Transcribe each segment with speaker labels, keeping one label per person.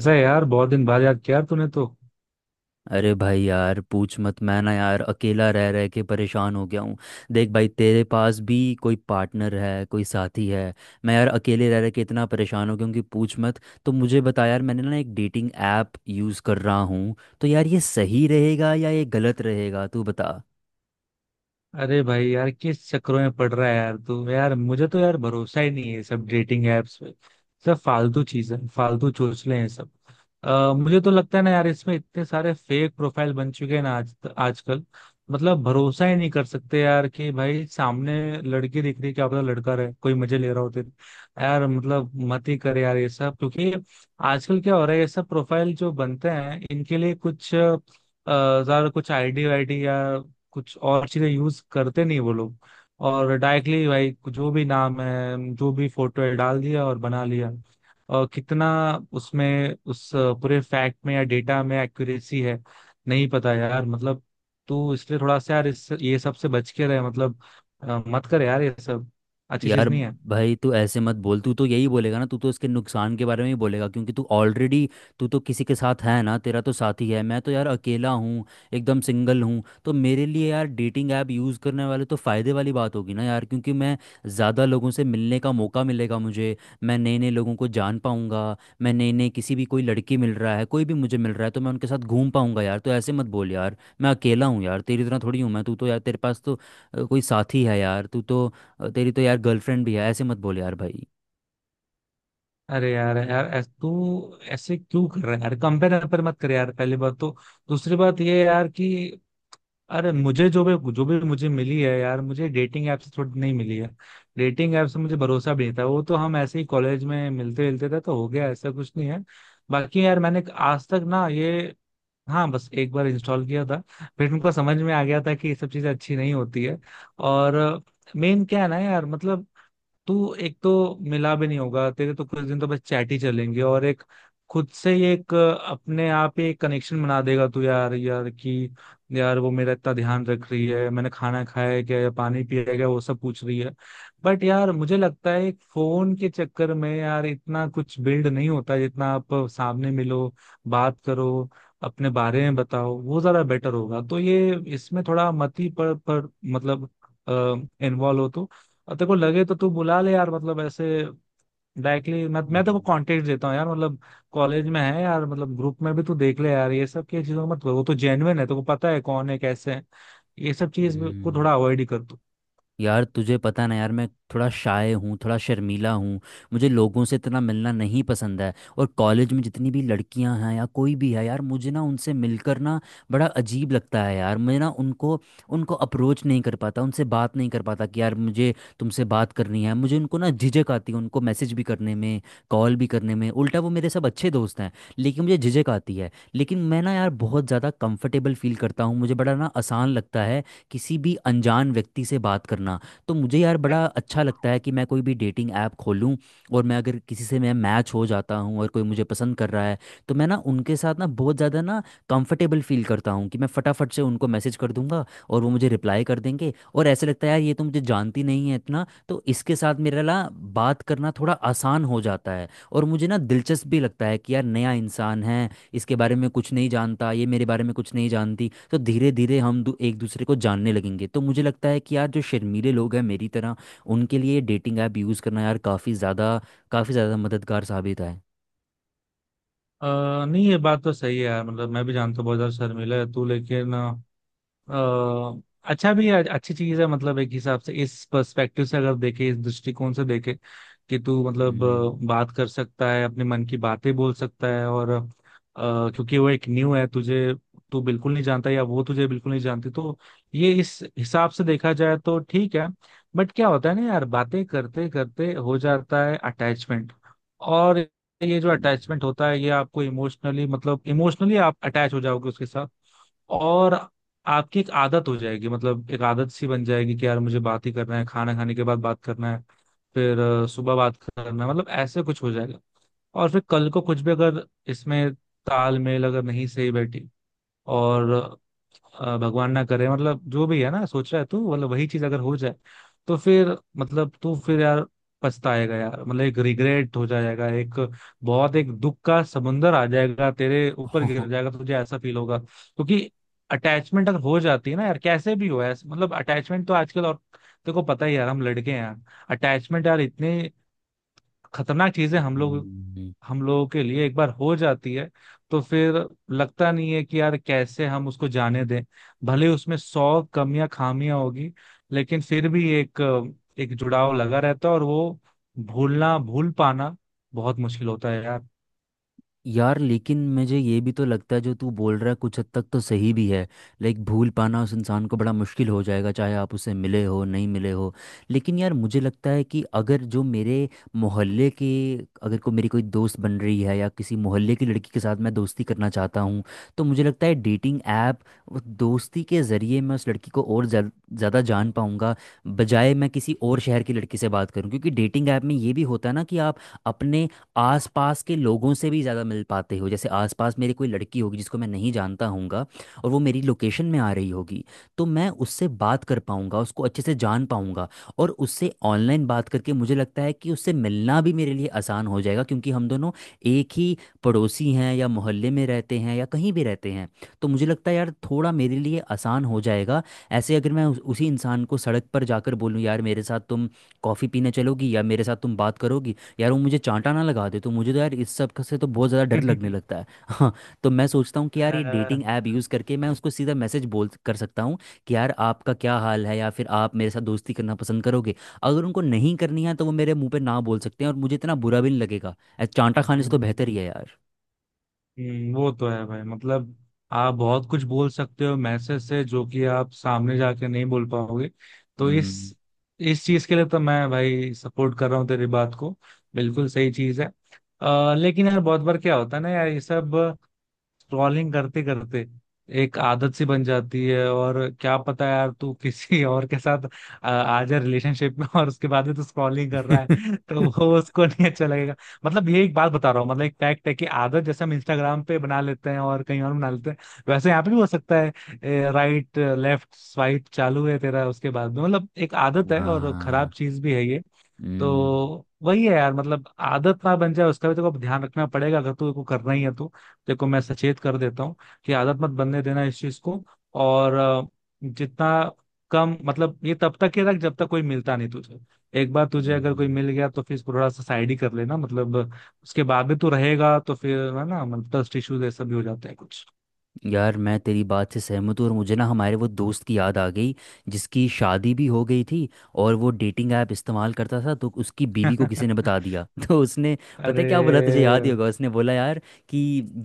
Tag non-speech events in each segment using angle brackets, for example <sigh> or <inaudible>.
Speaker 1: ऐसा है यार, बहुत दिन बाद याद किया यार तूने तो।
Speaker 2: अरे भाई यार पूछ मत। मैं ना यार अकेला रह रह के परेशान हो गया हूँ। देख भाई, तेरे पास भी कोई पार्टनर है, कोई साथी है। मैं यार अकेले रह रह के इतना परेशान हो गया हूँ कि पूछ मत। तो मुझे बता यार, मैंने ना एक डेटिंग ऐप यूज़ कर रहा हूँ। तो यार ये सही रहेगा या ये गलत रहेगा, तू बता।
Speaker 1: अरे भाई यार, किस चक्करों में पड़ रहा है यार तू। यार मुझे तो यार भरोसा ही नहीं है ये सब डेटिंग एप्स पे। सब फालतू चीजें, फालतू चोचले हैं सब। मुझे तो लगता है ना यार, इसमें इतने सारे फेक प्रोफाइल बन चुके हैं ना आज आजकल। मतलब भरोसा ही नहीं कर सकते यार कि भाई सामने लड़की दिख रही है, क्या पता लड़का रहे, कोई मजे ले रहा होते। यार मतलब मत ही कर यार ये सब, क्योंकि आजकल क्या हो रहा है, ये सब प्रोफाइल जो बनते हैं इनके लिए कुछ ज्यादा कुछ आईडी वाईडी या कुछ और चीजें यूज करते नहीं वो लोग। और डायरेक्टली भाई, जो भी नाम है, जो भी फोटो है, डाल दिया और बना लिया। और कितना उसमें, उस पूरे फैक्ट में या डेटा में एक्यूरेसी है, नहीं पता यार। मतलब तो इसलिए थोड़ा सा यार इस ये सब से बच के रहे, मतलब मत कर यार ये सब। अच्छी
Speaker 2: यार
Speaker 1: चीज नहीं है।
Speaker 2: भाई, तू ऐसे मत बोल। तू तो यही बोलेगा ना, तू तो इसके नुकसान के बारे में ही बोलेगा क्योंकि तू ऑलरेडी, तू तो किसी के साथ है ना, तेरा तो साथी है। मैं तो यार अकेला हूँ, एकदम सिंगल हूँ। तो मेरे लिए यार डेटिंग ऐप यूज़ करने वाले तो फ़ायदे वाली बात होगी ना यार, क्योंकि मैं ज़्यादा लोगों से मिलने का मौका मिलेगा मुझे। मैं नए नए लोगों को जान पाऊँगा। मैं नए नए किसी भी, कोई लड़की मिल रहा है, कोई भी मुझे मिल रहा है तो मैं उनके साथ घूम पाऊँगा यार। तो ऐसे मत बोल यार, मैं अकेला हूँ यार, तेरी तरह थोड़ी हूँ मैं। तू तो यार, तेरे पास तो कोई साथी है यार, तू तो। और तेरी तो यार गर्लफ्रेंड भी है। ऐसे मत बोल यार भाई।
Speaker 1: अरे यार यार तू ऐसे क्यों कर रहा है यार। कंपेयर पर मत कर यार, पहली बात तो। दूसरी बात ये है यार कि अरे, मुझे जो भी मुझे मिली है यार, मुझे डेटिंग ऐप से थोड़ी नहीं मिली है। डेटिंग ऐप से मुझे भरोसा भी नहीं था, वो तो हम ऐसे ही कॉलेज में मिलते मिलते थे तो हो गया, ऐसा कुछ नहीं है। बाकी यार मैंने आज तक ना ये, हाँ बस एक बार इंस्टॉल किया था, फिर मेरे को समझ में आ गया था कि ये सब चीजें अच्छी नहीं होती है। और मेन क्या है ना यार, मतलब तू एक तो मिला भी नहीं होगा, तेरे तो कुछ दिन तो बस चैट ही चलेंगे। और एक खुद से ही एक अपने आप ही एक कनेक्शन बना देगा तू यार। यार कि यार वो मेरा इतना ध्यान रख रही है, मैंने खाना खाया है क्या या पानी पिया है क्या, वो सब पूछ रही है। बट यार मुझे लगता है फोन के चक्कर में यार इतना कुछ बिल्ड नहीं होता, जितना आप सामने मिलो, बात करो, अपने बारे में बताओ, वो ज्यादा बेटर होगा। तो ये इसमें थोड़ा मत ही पर मतलब इन्वॉल्व हो तो। और तेरे को लगे तो तू बुला ले यार, मतलब ऐसे डायरेक्टली मैं तेरे को
Speaker 2: हम्म,
Speaker 1: कांटेक्ट देता हूँ यार। मतलब कॉलेज में है यार, मतलब ग्रुप में भी तू देख ले यार। ये सब की चीजों को मत, वो तो जेन्युइन है, तेरे को पता है कौन है कैसे है। ये सब
Speaker 2: हम्म,
Speaker 1: चीज को
Speaker 2: हम्म।
Speaker 1: थोड़ा अवॉइड ही कर तू।
Speaker 2: यार तुझे पता ना यार, मैं थोड़ा शाय हूँ, थोड़ा शर्मीला हूँ। मुझे लोगों से इतना मिलना नहीं पसंद है। और कॉलेज में जितनी भी लड़कियां हैं या कोई भी है यार, मुझे ना उनसे मिलकर ना बड़ा अजीब लगता है यार। मैं ना उनको उनको अप्रोच नहीं कर पाता, उनसे बात नहीं कर पाता कि यार मुझे तुमसे बात करनी है। मुझे उनको ना झिझक आती है, उनको मैसेज भी करने में, कॉल भी करने में। उल्टा वो मेरे सब अच्छे दोस्त हैं, लेकिन मुझे झिझक आती है। लेकिन मैं ना यार बहुत ज़्यादा कंफर्टेबल फील करता हूँ, मुझे बड़ा ना आसान लगता है किसी भी अनजान व्यक्ति से बात करना। तो मुझे यार बड़ा अच्छा लगता है कि मैं कोई भी डेटिंग ऐप खोलूँ, और मैं अगर किसी से मैं मैच हो जाता हूँ और कोई मुझे पसंद कर रहा है, तो मैं ना उनके साथ ना बहुत ज़्यादा ना कंफर्टेबल फील करता हूँ कि मैं फटाफट से उनको मैसेज कर दूंगा और वो मुझे रिप्लाई कर देंगे। और ऐसे लगता है यार ये तो मुझे जानती नहीं है इतना, तो इसके साथ मेरा ना बात करना थोड़ा आसान हो जाता है। और मुझे ना दिलचस्प भी लगता है कि यार नया इंसान है, इसके बारे में कुछ नहीं जानता, ये मेरे बारे में कुछ नहीं जानती, तो धीरे धीरे एक दूसरे को जानने लगेंगे। तो मुझे लगता है कि यार जो शर्मीले लोग हैं मेरी तरह, उनके लिए डेटिंग ऐप यूज़ करना यार काफ़ी ज़्यादा मददगार साबित है।
Speaker 1: नहीं ये बात तो सही है यार, मतलब मैं भी जानता हूँ बहुत ज्यादा शर्मिला है तू। लेकिन अ, अच्छा भी है, अच्छी चीज है, मतलब एक हिसाब से, इस पर्सपेक्टिव से अगर देखे, इस दृष्टिकोण से देखे कि तू मतलब
Speaker 2: हम्म,
Speaker 1: बात कर सकता है, अपने मन की बातें बोल सकता है। और क्योंकि वो एक न्यू है तुझे, तू बिल्कुल नहीं जानता या वो तुझे बिल्कुल नहीं जानती, तो ये इस हिसाब से देखा जाए तो ठीक है। बट क्या होता है ना यार, बातें करते करते हो जाता है अटैचमेंट। और ये जो
Speaker 2: हम्म,
Speaker 1: अटैचमेंट होता है, ये आपको इमोशनली, मतलब इमोशनली आप अटैच हो जाओगे उसके साथ। और आपकी एक आदत हो जाएगी, मतलब एक आदत सी बन जाएगी कि यार मुझे बात ही करना है, खाना खाने के बाद बात करना है, फिर सुबह बात करना, मतलब ऐसे कुछ हो जाएगा। और फिर कल को कुछ भी अगर इसमें तालमेल अगर नहीं सही बैठी, और भगवान ना करे, मतलब जो भी है ना सोच रहा है तू, मतलब वही चीज अगर हो जाए, तो फिर मतलब तू फिर यार पछताएगा यार। मतलब एक रिग्रेट हो जाएगा, एक बहुत एक दुख का समुंदर आ जाएगा, तेरे ऊपर गिर
Speaker 2: <laughs>
Speaker 1: जाएगा, तुझे ऐसा फील होगा। क्योंकि अटैचमेंट अगर हो जाती है ना यार, कैसे भी हो ऐसे, मतलब अटैचमेंट तो आजकल, और तेरे को पता ही है यार, हम लड़के हैं यार। अटैचमेंट यार इतने खतरनाक चीजें, हम लोग,
Speaker 2: हम्म,
Speaker 1: हम लोगों के लिए एक बार हो जाती है, तो फिर लगता नहीं है कि यार कैसे हम उसको जाने दें। भले उसमें सौ कमियां खामियां होगी, लेकिन फिर भी एक एक जुड़ाव लगा रहता है। और वो भूलना, भूल पाना बहुत मुश्किल होता है यार।
Speaker 2: यार लेकिन मुझे ये भी तो लगता है, जो तू बोल रहा है कुछ हद तक तो सही भी है। लाइक भूल पाना उस इंसान को बड़ा मुश्किल हो जाएगा, चाहे आप उससे मिले हो नहीं मिले हो। लेकिन यार मुझे लगता है कि अगर जो मेरे मोहल्ले के, अगर को मेरी कोई दोस्त बन रही है या किसी मोहल्ले की लड़की के साथ मैं दोस्ती करना चाहता हूँ, तो मुझे लगता है डेटिंग ऐप दोस्ती के ज़रिए मैं उस लड़की को और ज़्यादा जान पाऊँगा, बजाय मैं किसी और शहर की लड़की से बात करूँ। क्योंकि डेटिंग ऐप में ये भी होता है ना कि आप अपने आसपास के लोगों से भी ज़्यादा मिल पाते हो। जैसे आसपास मेरे कोई लड़की होगी जिसको मैं नहीं जानता हूँगा और वो मेरी लोकेशन में आ रही होगी, तो मैं उससे बात कर पाऊँगा, उसको अच्छे से जान पाऊँगा। और उससे ऑनलाइन बात करके मुझे लगता है कि उससे मिलना भी मेरे लिए आसान हो जाएगा, क्योंकि हम दोनों एक ही पड़ोसी हैं या मोहल्ले में रहते हैं या कहीं भी रहते हैं। तो मुझे लगता है यार थोड़ा मेरे लिए आसान हो जाएगा। ऐसे अगर मैं उसी इंसान को सड़क पर जाकर बोलूँ यार मेरे साथ तुम कॉफ़ी पीने चलोगी या मेरे साथ तुम बात करोगी, यार वो मुझे चांटा ना लगा दे, तो मुझे तो यार इस सब का से तो बहुत ज़्यादा डर लगने
Speaker 1: <laughs>
Speaker 2: लगता है। <laughs> हाँ। तो मैं सोचता हूँ कि यार ये डेटिंग ऐप यूज़ करके मैं उसको सीधा मैसेज बोल कर सकता हूँ कि यार आपका क्या हाल है, या फिर आप मेरे साथ दोस्ती करना पसंद करोगे। अगर उनको नहीं करनी है तो वो मेरे मुंह पे ना बोल सकते हैं और मुझे इतना बुरा भी नहीं लगेगा, चांटा खाने
Speaker 1: अ,
Speaker 2: से तो बेहतर ही है यार।
Speaker 1: वो तो है भाई। मतलब आप बहुत कुछ बोल सकते हो मैसेज से, जो कि आप सामने जाके नहीं बोल पाओगे। तो
Speaker 2: हम्म।
Speaker 1: इस चीज के लिए तो मैं भाई सपोर्ट कर रहा हूँ तेरी बात को, बिल्कुल सही चीज है। लेकिन यार बहुत बार क्या होता है ना यार, ये सब स्क्रॉलिंग करते करते एक आदत सी बन जाती है। और क्या पता यार तू किसी <laughs> और के साथ आ जा रिलेशनशिप में, और उसके बाद में तू स्क्रॉलिंग कर रहा है <laughs> तो वो
Speaker 2: <laughs>
Speaker 1: उसको नहीं अच्छा लगेगा। मतलब ये एक बात बता रहा हूँ, मतलब एक फैक्ट है कि आदत, जैसे हम इंस्टाग्राम पे बना लेते हैं और कहीं और बना लेते हैं, वैसे यहाँ पे भी हो सकता है। राइट लेफ्ट स्वाइप चालू है तेरा उसके बाद में, मतलब एक आदत है और
Speaker 2: हाँ।
Speaker 1: खराब चीज भी है ये।
Speaker 2: हम्म।
Speaker 1: तो वही है यार, मतलब आदत ना बन जाए उसका भी तेरे को ध्यान रखना पड़ेगा, अगर तू को करना ही है तो। तेरे को मैं सचेत कर देता हूँ कि आदत मत बनने देना इस चीज को। और जितना कम, मतलब ये तब तक ही रख जब तक कोई मिलता नहीं तुझे। एक बार तुझे अगर कोई
Speaker 2: हम्म।
Speaker 1: मिल गया तो फिर इसको थोड़ा सा साइड ही कर लेना, मतलब उसके बाद भी तू रहेगा तो फिर है ना, मतलब ट्रस्ट इश्यूज ऐसा भी हो जाता है कुछ।
Speaker 2: यार मैं तेरी बात से सहमत हूँ, और मुझे ना हमारे वो दोस्त की याद आ गई, जिसकी शादी भी हो गई थी और वो डेटिंग ऐप इस्तेमाल करता था। तो उसकी बीवी को किसी ने
Speaker 1: <laughs> अरे
Speaker 2: बता दिया। <laughs> तो उसने पता है क्या बोला, तुझे याद ही होगा। उसने बोला यार कि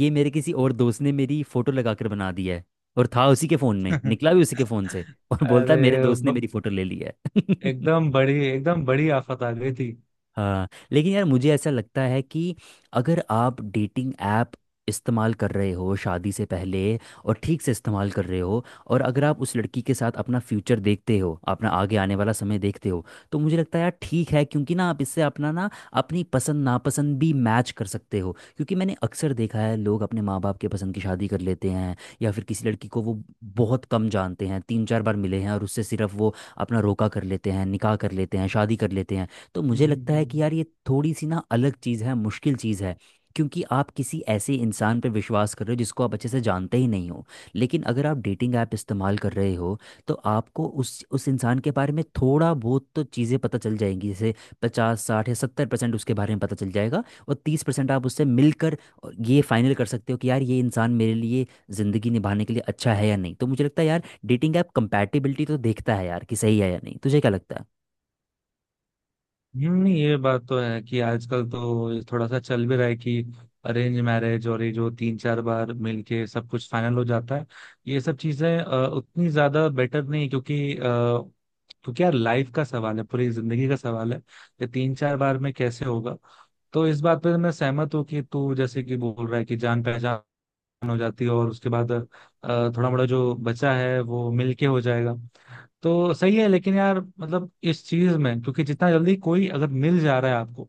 Speaker 2: ये मेरे किसी और दोस्त ने मेरी फोटो लगा कर बना दी है, और था उसी के फ़ोन में, निकला
Speaker 1: <laughs>
Speaker 2: भी उसी के फ़ोन से, और बोलता है मेरे
Speaker 1: अरे
Speaker 2: दोस्त ने
Speaker 1: ब-
Speaker 2: मेरी फ़ोटो ले ली है। <laughs>
Speaker 1: एकदम बड़ी, एकदम बड़ी आफत आ गई थी।
Speaker 2: हाँ। लेकिन यार मुझे ऐसा लगता है कि अगर आप डेटिंग ऐप इस्तेमाल कर रहे हो शादी से पहले, और ठीक से इस्तेमाल कर रहे हो, और अगर आप उस लड़की के साथ अपना फ्यूचर देखते हो, अपना आगे आने वाला समय देखते हो, तो मुझे लगता है यार ठीक है। क्योंकि ना आप इससे अपना ना अपनी पसंद नापसंद भी मैच कर सकते हो। क्योंकि मैंने अक्सर देखा है लोग अपने माँ बाप के पसंद की शादी कर लेते हैं, या फिर किसी लड़की को वो बहुत कम जानते हैं, 3 4 बार मिले हैं और उससे सिर्फ वो अपना रोका कर लेते हैं, निकाह कर लेते हैं, शादी कर लेते हैं। तो मुझे लगता है कि
Speaker 1: हम्म।
Speaker 2: यार ये थोड़ी सी ना अलग चीज़ है, मुश्किल चीज़ है। क्योंकि आप किसी ऐसे इंसान पे विश्वास कर रहे हो जिसको आप अच्छे से जानते ही नहीं हो। लेकिन अगर आप डेटिंग ऐप इस्तेमाल कर रहे हो, तो आपको उस इंसान के बारे में थोड़ा बहुत तो चीज़ें पता चल जाएंगी। जैसे 50 60 या 70% उसके बारे में पता चल जाएगा, और 30% आप उससे मिलकर, और ये फाइनल कर सकते हो कि यार ये इंसान मेरे लिए ज़िंदगी निभाने के लिए अच्छा है या नहीं। तो मुझे लगता है यार डेटिंग ऐप कंपैटिबिलिटी तो देखता है यार कि सही है या नहीं। तुझे क्या लगता
Speaker 1: नहीं ये बात तो है कि आजकल तो ये थोड़ा सा चल भी रहा है कि अरेंज मैरिज, और ये जो तीन चार बार मिलके सब कुछ फाइनल हो जाता है, ये सब चीजें उतनी ज्यादा बेटर नहीं। क्योंकि क्योंकि यार लाइफ का सवाल है, पूरी जिंदगी का सवाल है, ये तीन चार बार में कैसे होगा। तो इस बात पे तो मैं सहमत हूँ कि तू जैसे कि बोल रहा है कि जान पहचान हो जाती है, और उसके बाद थोड़ा मोड़ा जो बचा है वो मिलके हो जाएगा, तो सही है। लेकिन यार मतलब इस चीज में क्योंकि जितना जल्दी कोई अगर मिल जा रहा है आपको,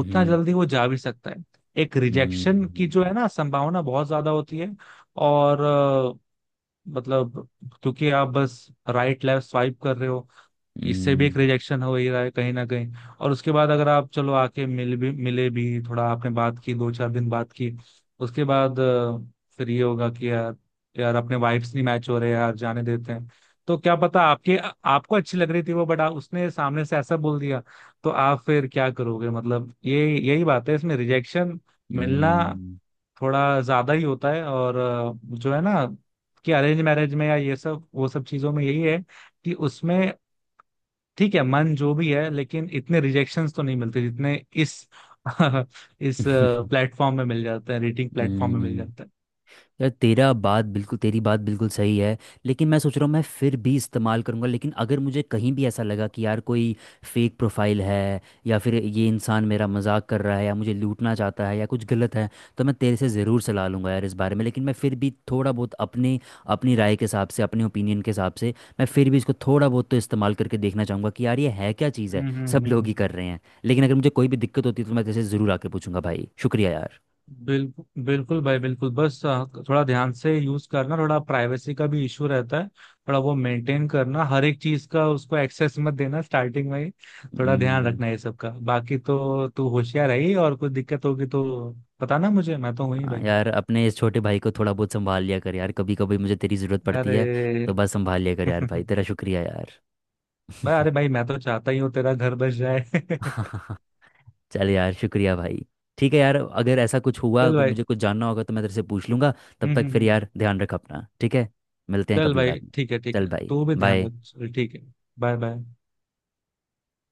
Speaker 1: उतना जल्दी वो जा भी सकता है। एक रिजेक्शन की
Speaker 2: हम्म।
Speaker 1: जो है ना, संभावना बहुत ज्यादा होती है। और मतलब क्योंकि आप बस राइट लेफ्ट स्वाइप कर रहे हो, इससे भी
Speaker 2: हम्म।
Speaker 1: एक रिजेक्शन हो ही रहा है कहीं ना कहीं। और उसके बाद अगर आप चलो आके मिल भी, मिले भी, थोड़ा आपने बात की, दो चार दिन बात की, उसके बाद फिर ये होगा कि यार, यार अपने वाइब्स नहीं मैच हो रहे यार, जाने देते हैं। तो क्या पता आपके, आपको अच्छी लग रही थी वो, बट उसने सामने से ऐसा बोल दिया, तो आप फिर क्या करोगे। मतलब ये यही बात है, इसमें रिजेक्शन मिलना
Speaker 2: हम्म।
Speaker 1: थोड़ा ज्यादा ही होता है। और जो है ना कि अरेंज मैरिज में या ये सब वो सब चीजों में यही है कि उसमें ठीक है मन जो भी है, लेकिन इतने रिजेक्शंस तो नहीं मिलते जितने इस <laughs> इस
Speaker 2: हम्म। <laughs>
Speaker 1: प्लेटफॉर्म में मिल जाते हैं, रेटिंग प्लेटफॉर्म में मिल
Speaker 2: हम्म,
Speaker 1: जाते हैं।
Speaker 2: यार तेरा बात बिल्कुल तेरी बात बिल्कुल सही है। लेकिन मैं सोच रहा हूँ मैं फिर भी इस्तेमाल करूँगा। लेकिन अगर मुझे कहीं भी ऐसा लगा कि यार कोई फेक प्रोफाइल है, या फिर ये इंसान मेरा मजाक कर रहा है या मुझे लूटना चाहता है या कुछ गलत है, तो मैं तेरे से ज़रूर सलाह लूँगा यार इस बारे में। लेकिन मैं फिर भी थोड़ा बहुत अपने अपनी राय के हिसाब से, अपने ओपिनियन के हिसाब से, मैं फिर भी इसको थोड़ा बहुत तो इस्तेमाल करके देखना चाहूँगा कि यार ये है क्या चीज़। है
Speaker 1: हम्म,
Speaker 2: सब
Speaker 1: हम्म,
Speaker 2: लोग ही कर रहे हैं। लेकिन अगर मुझे कोई भी दिक्कत होती है तो मैं तेरे से ज़रूर आके पूछूंगा भाई, शुक्रिया यार।
Speaker 1: बिल्कुल, बिल्कुल भाई, बिल्कुल। बस थोड़ा ध्यान से यूज करना, थोड़ा प्राइवेसी का भी इशू रहता है, थोड़ा वो मेंटेन करना, हर एक चीज का उसको एक्सेस मत देना स्टार्टिंग में ही। थोड़ा ध्यान
Speaker 2: हम्म।
Speaker 1: रखना ये सब का, बाकी तो तू होशियार है ही। और कुछ दिक्कत होगी तो बताना मुझे, मैं तो हूं ही
Speaker 2: हाँ
Speaker 1: भाई।
Speaker 2: यार, अपने इस छोटे भाई को थोड़ा बहुत संभाल लिया कर यार, कभी कभी मुझे तेरी ज़रूरत पड़ती है। तो
Speaker 1: अरे
Speaker 2: बस संभाल लिया कर यार भाई,
Speaker 1: <laughs>
Speaker 2: तेरा शुक्रिया यार।
Speaker 1: भाई, अरे भाई मैं तो चाहता ही हूँ तेरा घर बस जाए <laughs>
Speaker 2: <laughs> चल यार, शुक्रिया भाई। ठीक है यार, अगर ऐसा कुछ हुआ,
Speaker 1: चल
Speaker 2: अगर
Speaker 1: भाई।
Speaker 2: मुझे कुछ जानना होगा तो मैं तेरे से पूछ लूँगा। तब
Speaker 1: हम्म,
Speaker 2: तक
Speaker 1: हम्म,
Speaker 2: फिर यार ध्यान रख अपना, ठीक है। मिलते हैं
Speaker 1: चल
Speaker 2: कभी
Speaker 1: भाई
Speaker 2: बाद में।
Speaker 1: ठीक है, ठीक
Speaker 2: चल
Speaker 1: है,
Speaker 2: भाई,
Speaker 1: तू भी ध्यान
Speaker 2: बाय।
Speaker 1: रख चल, ठीक है। Bye bye.